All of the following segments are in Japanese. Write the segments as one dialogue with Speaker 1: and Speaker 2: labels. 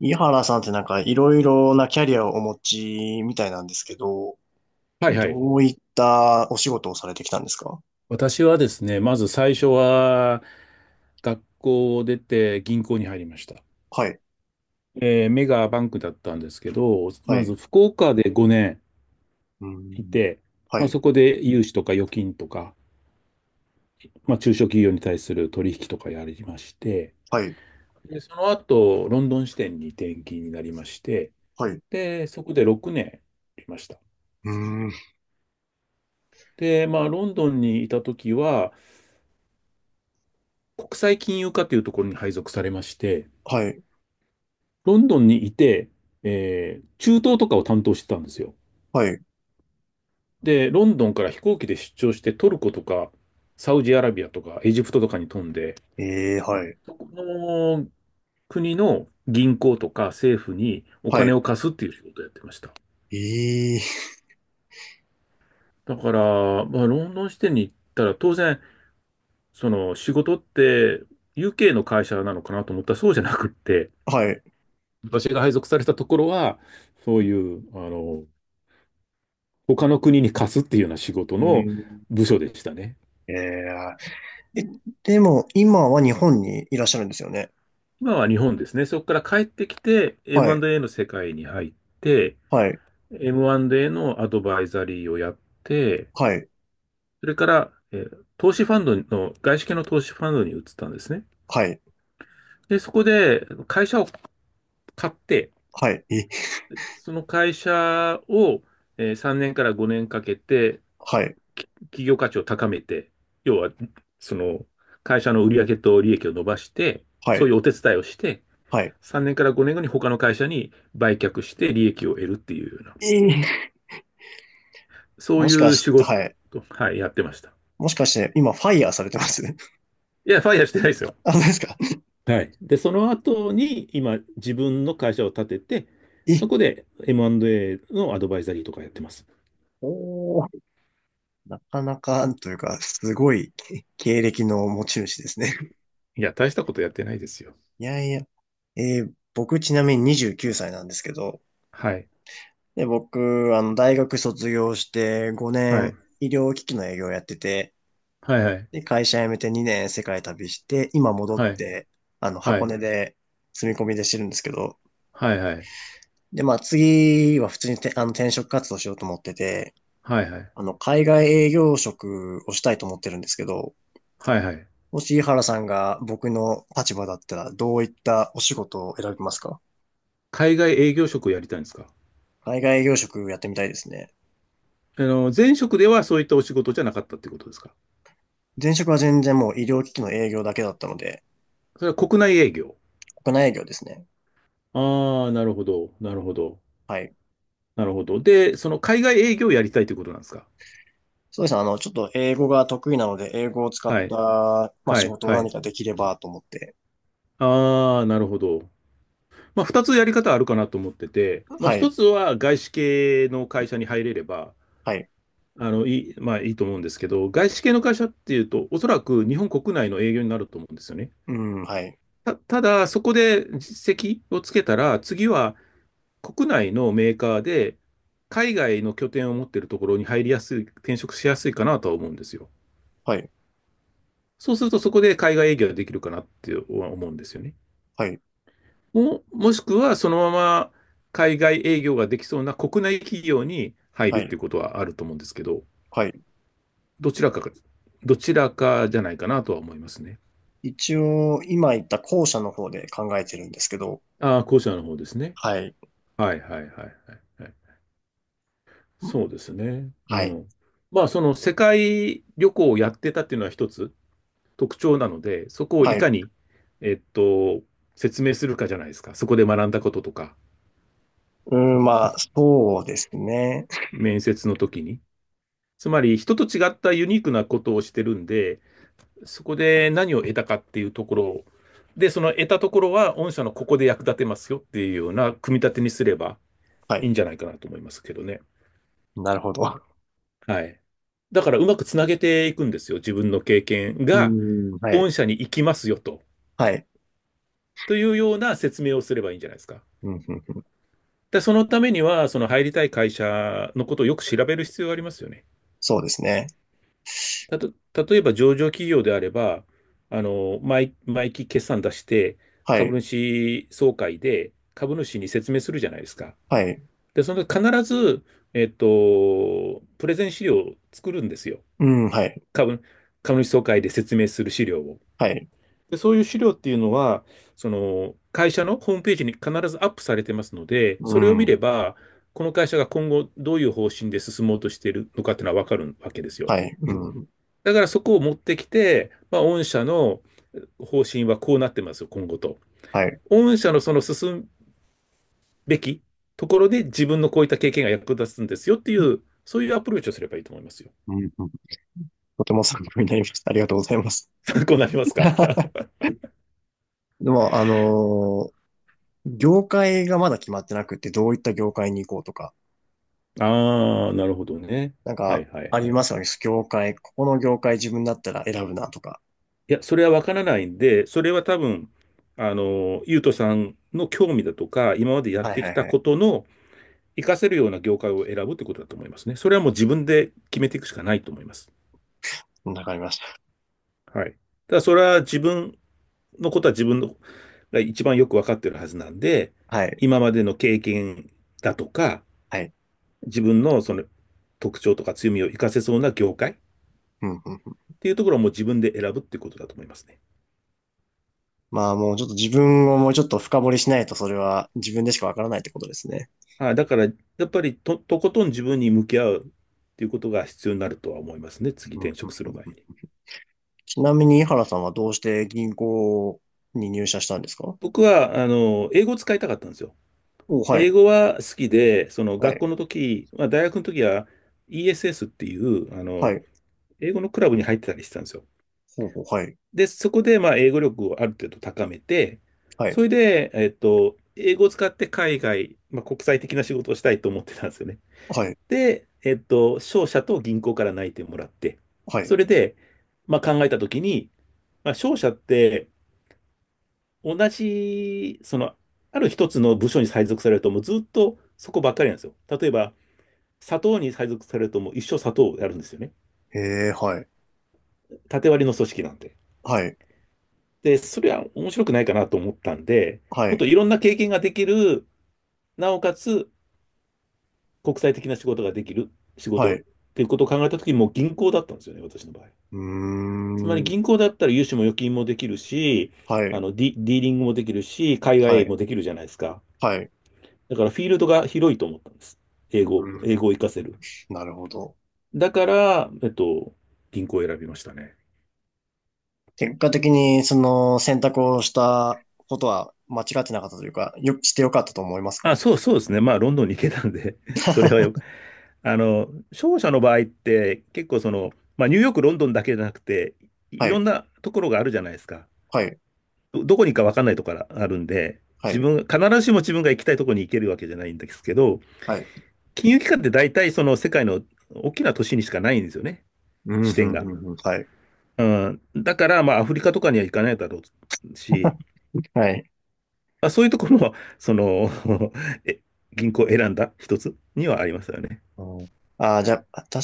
Speaker 1: 井原さんってなんかいろいろなキャリアをお持ちみたいなんですけど、
Speaker 2: はいはい。
Speaker 1: どういったお仕事をされてきたんですか？
Speaker 2: 私はですね、まず最初は学校を出て銀行に入りました。
Speaker 1: はい。
Speaker 2: メガバンクだったんですけど、
Speaker 1: は
Speaker 2: まず
Speaker 1: い。
Speaker 2: 福岡で5
Speaker 1: う
Speaker 2: 年い
Speaker 1: ん。
Speaker 2: て、
Speaker 1: は
Speaker 2: まあ、
Speaker 1: い。
Speaker 2: そこで融資とか預金とか、まあ、中小企業に対する取引とかやりまして、
Speaker 1: はい。
Speaker 2: で、その後、ロンドン支店に転勤になりまして、
Speaker 1: はい。
Speaker 2: で、そこで6年いました。
Speaker 1: うん。
Speaker 2: で、まあ、ロンドンにいた時は、国際金融課というところに配属されまして、
Speaker 1: はい。
Speaker 2: ロンドンにいて、中東とかを担当してたんですよ。
Speaker 1: はい。
Speaker 2: で、ロンドンから飛行機で出張してトルコとかサウジアラビアとかエジプトとかに飛んで、
Speaker 1: えー。はい。
Speaker 2: そこの国の銀行とか政府にお
Speaker 1: は
Speaker 2: 金
Speaker 1: い。
Speaker 2: を貸すっていう仕事をやってました。
Speaker 1: え
Speaker 2: だから、まあ、ロンドン支店に行ったら当然、その仕事って UK の会社なのかなと思ったらそうじゃなくって、
Speaker 1: ー。はい。
Speaker 2: 私が配属されたところは、そういう、他の国に貸すっていうような仕事
Speaker 1: う
Speaker 2: の
Speaker 1: ん。
Speaker 2: 部署でしたね。
Speaker 1: えー。え。でも今は日本にいらっしゃるんですよね。
Speaker 2: 今は日本ですね。そこから帰ってきて
Speaker 1: はい。
Speaker 2: M&A の世界に入って、
Speaker 1: はい。
Speaker 2: M&A のアドバイザリーをやって、
Speaker 1: はい。
Speaker 2: それから、投資ファンドの、外資系の投資ファンドに移ったんですね。
Speaker 1: はい。
Speaker 2: で、そこで会社を買って、
Speaker 1: はい。え。
Speaker 2: その会社を3年から5年かけて、
Speaker 1: はい。
Speaker 2: 企業価値を高めて、要は、その会社の売上と利益を伸ばして、
Speaker 1: は
Speaker 2: そうい
Speaker 1: い。
Speaker 2: うお手伝いをして、
Speaker 1: はい。
Speaker 2: 3年から5年後に他の会社に売却して利益を得るっていうような、
Speaker 1: えー。
Speaker 2: そう
Speaker 1: も
Speaker 2: い
Speaker 1: しか
Speaker 2: う
Speaker 1: し
Speaker 2: 仕
Speaker 1: て、
Speaker 2: 事、
Speaker 1: はい、
Speaker 2: はい、やってました。
Speaker 1: もしかして今ファイヤーされてます？
Speaker 2: いや、ファイヤーしてないですよ。
Speaker 1: あ、そうですか。
Speaker 2: はい。で、その後に今、自分の会社を立てて、
Speaker 1: え。
Speaker 2: そこで M&A のアドバイザリーとかやってます。
Speaker 1: おー。なかなか、というか、すごいけ経歴の持ち主ですね。
Speaker 2: いや、大したことやってないですよ。
Speaker 1: いやいや。僕ちなみに29歳なんですけど、
Speaker 2: はい。
Speaker 1: で、僕、大学卒業して5
Speaker 2: は
Speaker 1: 年
Speaker 2: い。
Speaker 1: 医療機器の営業やってて、
Speaker 2: はいはい。
Speaker 1: で、会社辞めて2年世界旅して、今戻っ
Speaker 2: はい。
Speaker 1: て、
Speaker 2: は
Speaker 1: 箱
Speaker 2: い。
Speaker 1: 根で住み込みでしてるんですけど、
Speaker 2: はいはい。
Speaker 1: で、まあ次は普通にて、転職活動しようと思ってて、
Speaker 2: はいはい。
Speaker 1: 海外営業職をしたいと思ってるんですけど、
Speaker 2: はいはい。
Speaker 1: もし井原さんが僕の立場だったら、どういったお仕事を選びますか？
Speaker 2: 海外営業職をやりたいんですか？
Speaker 1: 海外営業職やってみたいですね。
Speaker 2: あの、前職ではそういったお仕事じゃなかったってことですか？
Speaker 1: 前職は全然もう医療機器の営業だけだったので、
Speaker 2: それは国内営業。
Speaker 1: 国内営業ですね。
Speaker 2: ああ、なるほど。なるほど。
Speaker 1: はい。
Speaker 2: なるほど。で、その海外営業をやりたいということなんですか？
Speaker 1: そうですね。ちょっと英語が得意なので、英語を使っ
Speaker 2: はい。
Speaker 1: た、まあ、
Speaker 2: は
Speaker 1: 仕
Speaker 2: い。
Speaker 1: 事を
Speaker 2: は
Speaker 1: 何
Speaker 2: い。
Speaker 1: かできればと思って。
Speaker 2: ああ、なるほど。まあ、二つやり方あるかなと思ってて、まあ、
Speaker 1: は
Speaker 2: 一
Speaker 1: い。
Speaker 2: つは外資系の会社に入れれば、
Speaker 1: はい。
Speaker 2: あの、いい、まあ、いいと思うんですけど、外資系の会社っていうと、おそらく日本国内の営業になると思うんですよね。
Speaker 1: うん。はい。
Speaker 2: ただ、そこで実績をつけたら、次は国内のメーカーで、海外の拠点を持っているところに入りやすい、転職しやすいかなとは思うんですよ。
Speaker 1: はい。
Speaker 2: そうするとそこで海外営業ができるかなって思うんですよね。
Speaker 1: はい。
Speaker 2: もしくはそのまま海外営業ができそうな国内企業に入る
Speaker 1: は
Speaker 2: って
Speaker 1: い。
Speaker 2: いうことはあると思うんですけど、
Speaker 1: はい。
Speaker 2: どちらか、どちらかじゃないかなとは思いますね。
Speaker 1: 一応、今言った後者の方で考えてるんですけど、
Speaker 2: ああ、後者の方ですね。
Speaker 1: はい。
Speaker 2: はいはいはいはいはい。そうですね。う
Speaker 1: はい。
Speaker 2: ん。まあその世界旅行をやってたっていうのは一つ特徴なので、そこを
Speaker 1: は
Speaker 2: いか
Speaker 1: い。
Speaker 2: に、えっと、説明するかじゃないですか。そこで学んだこととか、
Speaker 1: うん、まあ、そうですね。
Speaker 2: 面接の時に。つまり人と違ったユニークなことをしてるんで、そこで何を得たかっていうところを、で、その得たところは御社のここで役立てますよっていうような組み立てにすれば
Speaker 1: は
Speaker 2: いい
Speaker 1: い。
Speaker 2: んじゃないかなと思いますけどね。
Speaker 1: なるほど。
Speaker 2: はい。だからうまくつなげていくんですよ。自分の経験
Speaker 1: う
Speaker 2: が
Speaker 1: ーん。はい。
Speaker 2: 御社に行きますよと。
Speaker 1: はい。
Speaker 2: というような説明をすればいいんじゃないですか。
Speaker 1: うん、うん、うん。
Speaker 2: で、そのためには、その入りたい会社のことをよく調べる必要がありますよね。
Speaker 1: そうですね。
Speaker 2: たと、例えば上場企業であれば、毎期決算出して、
Speaker 1: は
Speaker 2: 株
Speaker 1: い。
Speaker 2: 主総会で株主に説明するじゃないですか。
Speaker 1: はい。
Speaker 2: で、その必ず、プレゼン資料を作るんですよ。
Speaker 1: うん。はい。
Speaker 2: 株、株主総会で説明する資料を。
Speaker 1: はい。
Speaker 2: で、そういう資料っていうのは、その、会社のホームページに必ずアップされてますので、
Speaker 1: う
Speaker 2: それを見れ
Speaker 1: ん。
Speaker 2: ば、この会社が今後どういう方針で進もうとしているのかっていうのはわかるわけですよ。
Speaker 1: はい。うん。
Speaker 2: だからそこを持ってきて、まあ、御社の方針はこうなってますよ、今後と。
Speaker 1: はい。
Speaker 2: 御社のその進むべきところで自分のこういった経験が役立つんですよっていう、そういうアプローチをすればいいと思いますよ。
Speaker 1: うん、うん。とても参考になりました。ありがとうございます。
Speaker 2: 参考になりますか？
Speaker 1: でも、業界がまだ決まってなくて、どういった業界に行こうとか、
Speaker 2: ああ、なるほどね。
Speaker 1: なん
Speaker 2: はい
Speaker 1: か、
Speaker 2: はい
Speaker 1: あり
Speaker 2: はい。
Speaker 1: ますよね。業界、ここの業界自分だったら選ぶなとか。
Speaker 2: いや、それはわからないんで、それは多分、ゆうとさんの興味だとか、今までやっ
Speaker 1: はい
Speaker 2: て
Speaker 1: は
Speaker 2: き
Speaker 1: い
Speaker 2: た
Speaker 1: はい。
Speaker 2: ことの活かせるような業界を選ぶってことだと思いますね。それはもう自分で決めていくしかないと思います。
Speaker 1: わかりまし
Speaker 2: はい。ただ、それは自分のことは自分のが一番よくわかってるはずなんで、
Speaker 1: た。はい。
Speaker 2: 今までの経験だとか、
Speaker 1: はい。
Speaker 2: 自分のその特徴とか強みを活かせそうな業界っ
Speaker 1: うんうん。
Speaker 2: ていうところをもう自分で選ぶっていうことだと思いますね。
Speaker 1: まあもうちょっと自分をもうちょっと深掘りしないとそれは自分でしかわからないってことですね。
Speaker 2: だから、やっぱりとことん自分に向き合うっていうことが必要になるとは思いますね。次
Speaker 1: うん
Speaker 2: 転
Speaker 1: う
Speaker 2: 職する
Speaker 1: んう
Speaker 2: 前
Speaker 1: ん。
Speaker 2: に。
Speaker 1: ちなみに井原さんはどうして銀行に入社したんですか？
Speaker 2: 僕は、英語を使いたかったんですよ。
Speaker 1: お。はい。
Speaker 2: 英語は好きで、その
Speaker 1: は
Speaker 2: 学校
Speaker 1: い。
Speaker 2: の時、まあ、大学の時は ESS っていう、
Speaker 1: はい。
Speaker 2: 英語のクラブに入ってたりしてたんですよ。
Speaker 1: ほうほう。はい。
Speaker 2: で、そこで、まあ、英語力をある程度高めて、
Speaker 1: はい。
Speaker 2: それで、英語を使って海外、まあ、国際的な仕事をしたいと思ってたんですよね。
Speaker 1: はい。
Speaker 2: で、商社と銀行から内定もらって、
Speaker 1: はい。
Speaker 2: それで、まあ、考えたときに、まあ、商社って、同じ、その、ある一つの部署に配属されると、もうずっとそこばっかりなんですよ。例えば、砂糖に配属されると、もう一生砂糖をやるんですよね。
Speaker 1: へえ。はい。
Speaker 2: 縦割りの組織なんで。
Speaker 1: はい。
Speaker 2: で、それは面白くないかなと思ったんで、
Speaker 1: は
Speaker 2: もっと
Speaker 1: い。
Speaker 2: いろんな経験ができる、なおかつ国際的な仕事ができる仕
Speaker 1: は
Speaker 2: 事
Speaker 1: い。
Speaker 2: っ
Speaker 1: う
Speaker 2: ていうことを考えたときに、もう銀行だったんですよね、私の場合。
Speaker 1: ー
Speaker 2: つまり
Speaker 1: ん。
Speaker 2: 銀行だったら融資も預金もできるし、
Speaker 1: はい。
Speaker 2: ディーリングもできるし、海外
Speaker 1: は
Speaker 2: 営業
Speaker 1: い。
Speaker 2: もできるじゃないですか。
Speaker 1: はい。う
Speaker 2: だからフィールドが広いと思ったんです。英
Speaker 1: ー
Speaker 2: 語、英
Speaker 1: ん。
Speaker 2: 語を活かせる。
Speaker 1: なるほど。
Speaker 2: だから、銀行を選びましたね。
Speaker 1: 結果的にその選択をしたことは間違ってなかったというか、よ、してよかったと思います
Speaker 2: あ、
Speaker 1: か？
Speaker 2: そうですね。まあ、ロンドンに行けたんで それはよ、商社の場合って結構まあ、ニューヨーク、ロンドンだけじゃなくて、い
Speaker 1: は
Speaker 2: ろ
Speaker 1: い。
Speaker 2: んなところがあるじゃないですか。
Speaker 1: はい。
Speaker 2: どこに行くか分かんないところがあるんで、
Speaker 1: は
Speaker 2: 自
Speaker 1: い。
Speaker 2: 分、必ずしも自分が行きたいところに行けるわけじゃないんですけど、
Speaker 1: はい。
Speaker 2: 金融機関って大体その世界の大きな都市にしかないんですよね、
Speaker 1: うん。うん。
Speaker 2: 支店が。
Speaker 1: うん。うんはい。
Speaker 2: うん、だから、まあ、アフリカとかには行かないだろうし、
Speaker 1: はい。
Speaker 2: まあ、そういうところも、え、銀行を選んだ一つにはありますよね。
Speaker 1: うん、ああ、じゃあ、確か、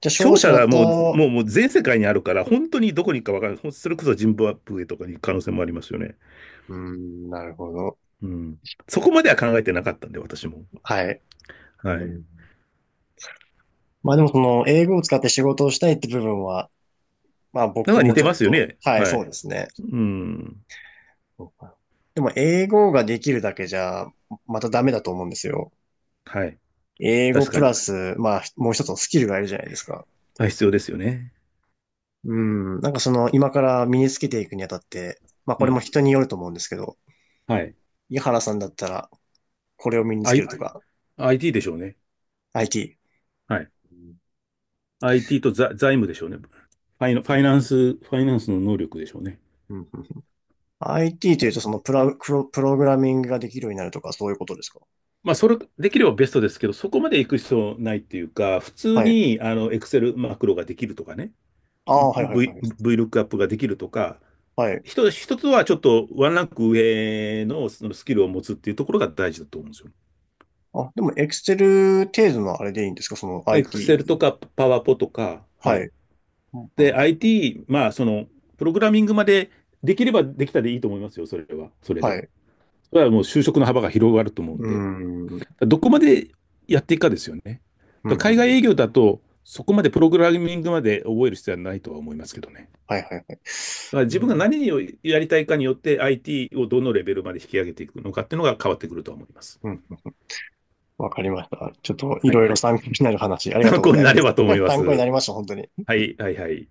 Speaker 1: じゃあ、商
Speaker 2: 勝
Speaker 1: 社
Speaker 2: 者
Speaker 1: だ
Speaker 2: は
Speaker 1: と、
Speaker 2: もう全世界にあるから、本当にどこに行くかわからない。それこそジンバブエとかに行く可能性もありますよね。
Speaker 1: うん、なるほど。
Speaker 2: うん。そこまでは考えてなかったんで、私も。
Speaker 1: はい。
Speaker 2: は
Speaker 1: う
Speaker 2: い。
Speaker 1: ん。まあでもその、英語を使って仕事をしたいって部分は、まあ
Speaker 2: だ
Speaker 1: 僕
Speaker 2: から似
Speaker 1: も
Speaker 2: て
Speaker 1: ちょっ
Speaker 2: ますよ
Speaker 1: と、
Speaker 2: ね。
Speaker 1: はい、
Speaker 2: は
Speaker 1: そ
Speaker 2: い。
Speaker 1: うですね。
Speaker 2: うん。
Speaker 1: そうか。でも、英語ができるだけじゃ、またダメだと思うんですよ。
Speaker 2: はい。
Speaker 1: 英語
Speaker 2: 確
Speaker 1: プ
Speaker 2: か
Speaker 1: ラ
Speaker 2: に。
Speaker 1: ス、まあ、もう一つのスキルがいるじゃないですか。
Speaker 2: あ、必要ですよね。
Speaker 1: うん。なんかその、今から身につけていくにあたって、まあこ
Speaker 2: う
Speaker 1: れも
Speaker 2: ん。
Speaker 1: 人によると思うんですけど、
Speaker 2: はい。
Speaker 1: 井原さんだったら、これを身につけ
Speaker 2: I、
Speaker 1: るとか、
Speaker 2: IT でしょうね。はい。
Speaker 1: IT。うん
Speaker 2: IT と財務でしょうね。ファイナンスの能力でしょうね。
Speaker 1: うん IT というと、そのプログラミングができるようになるとか、そういうことですか？
Speaker 2: まあ、それ、できればベストですけど、そこまで行く必要ないっていうか、普通
Speaker 1: はい。
Speaker 2: に、Excel マクロができるとかね。
Speaker 1: ああ、はいはいは
Speaker 2: V、
Speaker 1: い。
Speaker 2: VLOOKUP ができるとか、
Speaker 1: はい。
Speaker 2: 一つはちょっとワンランク上のそのスキルを持つっていうところが大事だと思うんですよ。
Speaker 1: あ、でも、エクセル程度のあれでいいんですかその
Speaker 2: Excel と
Speaker 1: IT？
Speaker 2: か PowerPo とか、は
Speaker 1: は
Speaker 2: い。
Speaker 1: い。う
Speaker 2: で、
Speaker 1: ん
Speaker 2: IT、まあ、その、プログラミングまでできればできたでいいと思いますよ、それは。それ
Speaker 1: はい。
Speaker 2: で。
Speaker 1: う
Speaker 2: それはもう就職の幅が広がると思うん
Speaker 1: ー
Speaker 2: で。
Speaker 1: ん。うん
Speaker 2: どこまでやっていくかですよね。
Speaker 1: うんう
Speaker 2: 海外
Speaker 1: ん。
Speaker 2: 営業だと、そこまでプログラミングまで覚える必要はないとは思いますけどね。
Speaker 1: はいはいはい。
Speaker 2: まあ、自
Speaker 1: う
Speaker 2: 分が
Speaker 1: ん。
Speaker 2: 何をやりたいかによって IT をどのレベルまで引き上げていくのかっていうのが変わってくると思います。
Speaker 1: うん。わかりました。ちょっと、い
Speaker 2: は
Speaker 1: ろいろ
Speaker 2: い。
Speaker 1: 参考になる話、ありがと
Speaker 2: 参
Speaker 1: うご
Speaker 2: 考
Speaker 1: ざ
Speaker 2: に
Speaker 1: い
Speaker 2: な
Speaker 1: ま
Speaker 2: れ
Speaker 1: す。
Speaker 2: ばと思い ま
Speaker 1: 参考にな
Speaker 2: す。
Speaker 1: りました、本当に。
Speaker 2: はい、はい、はい。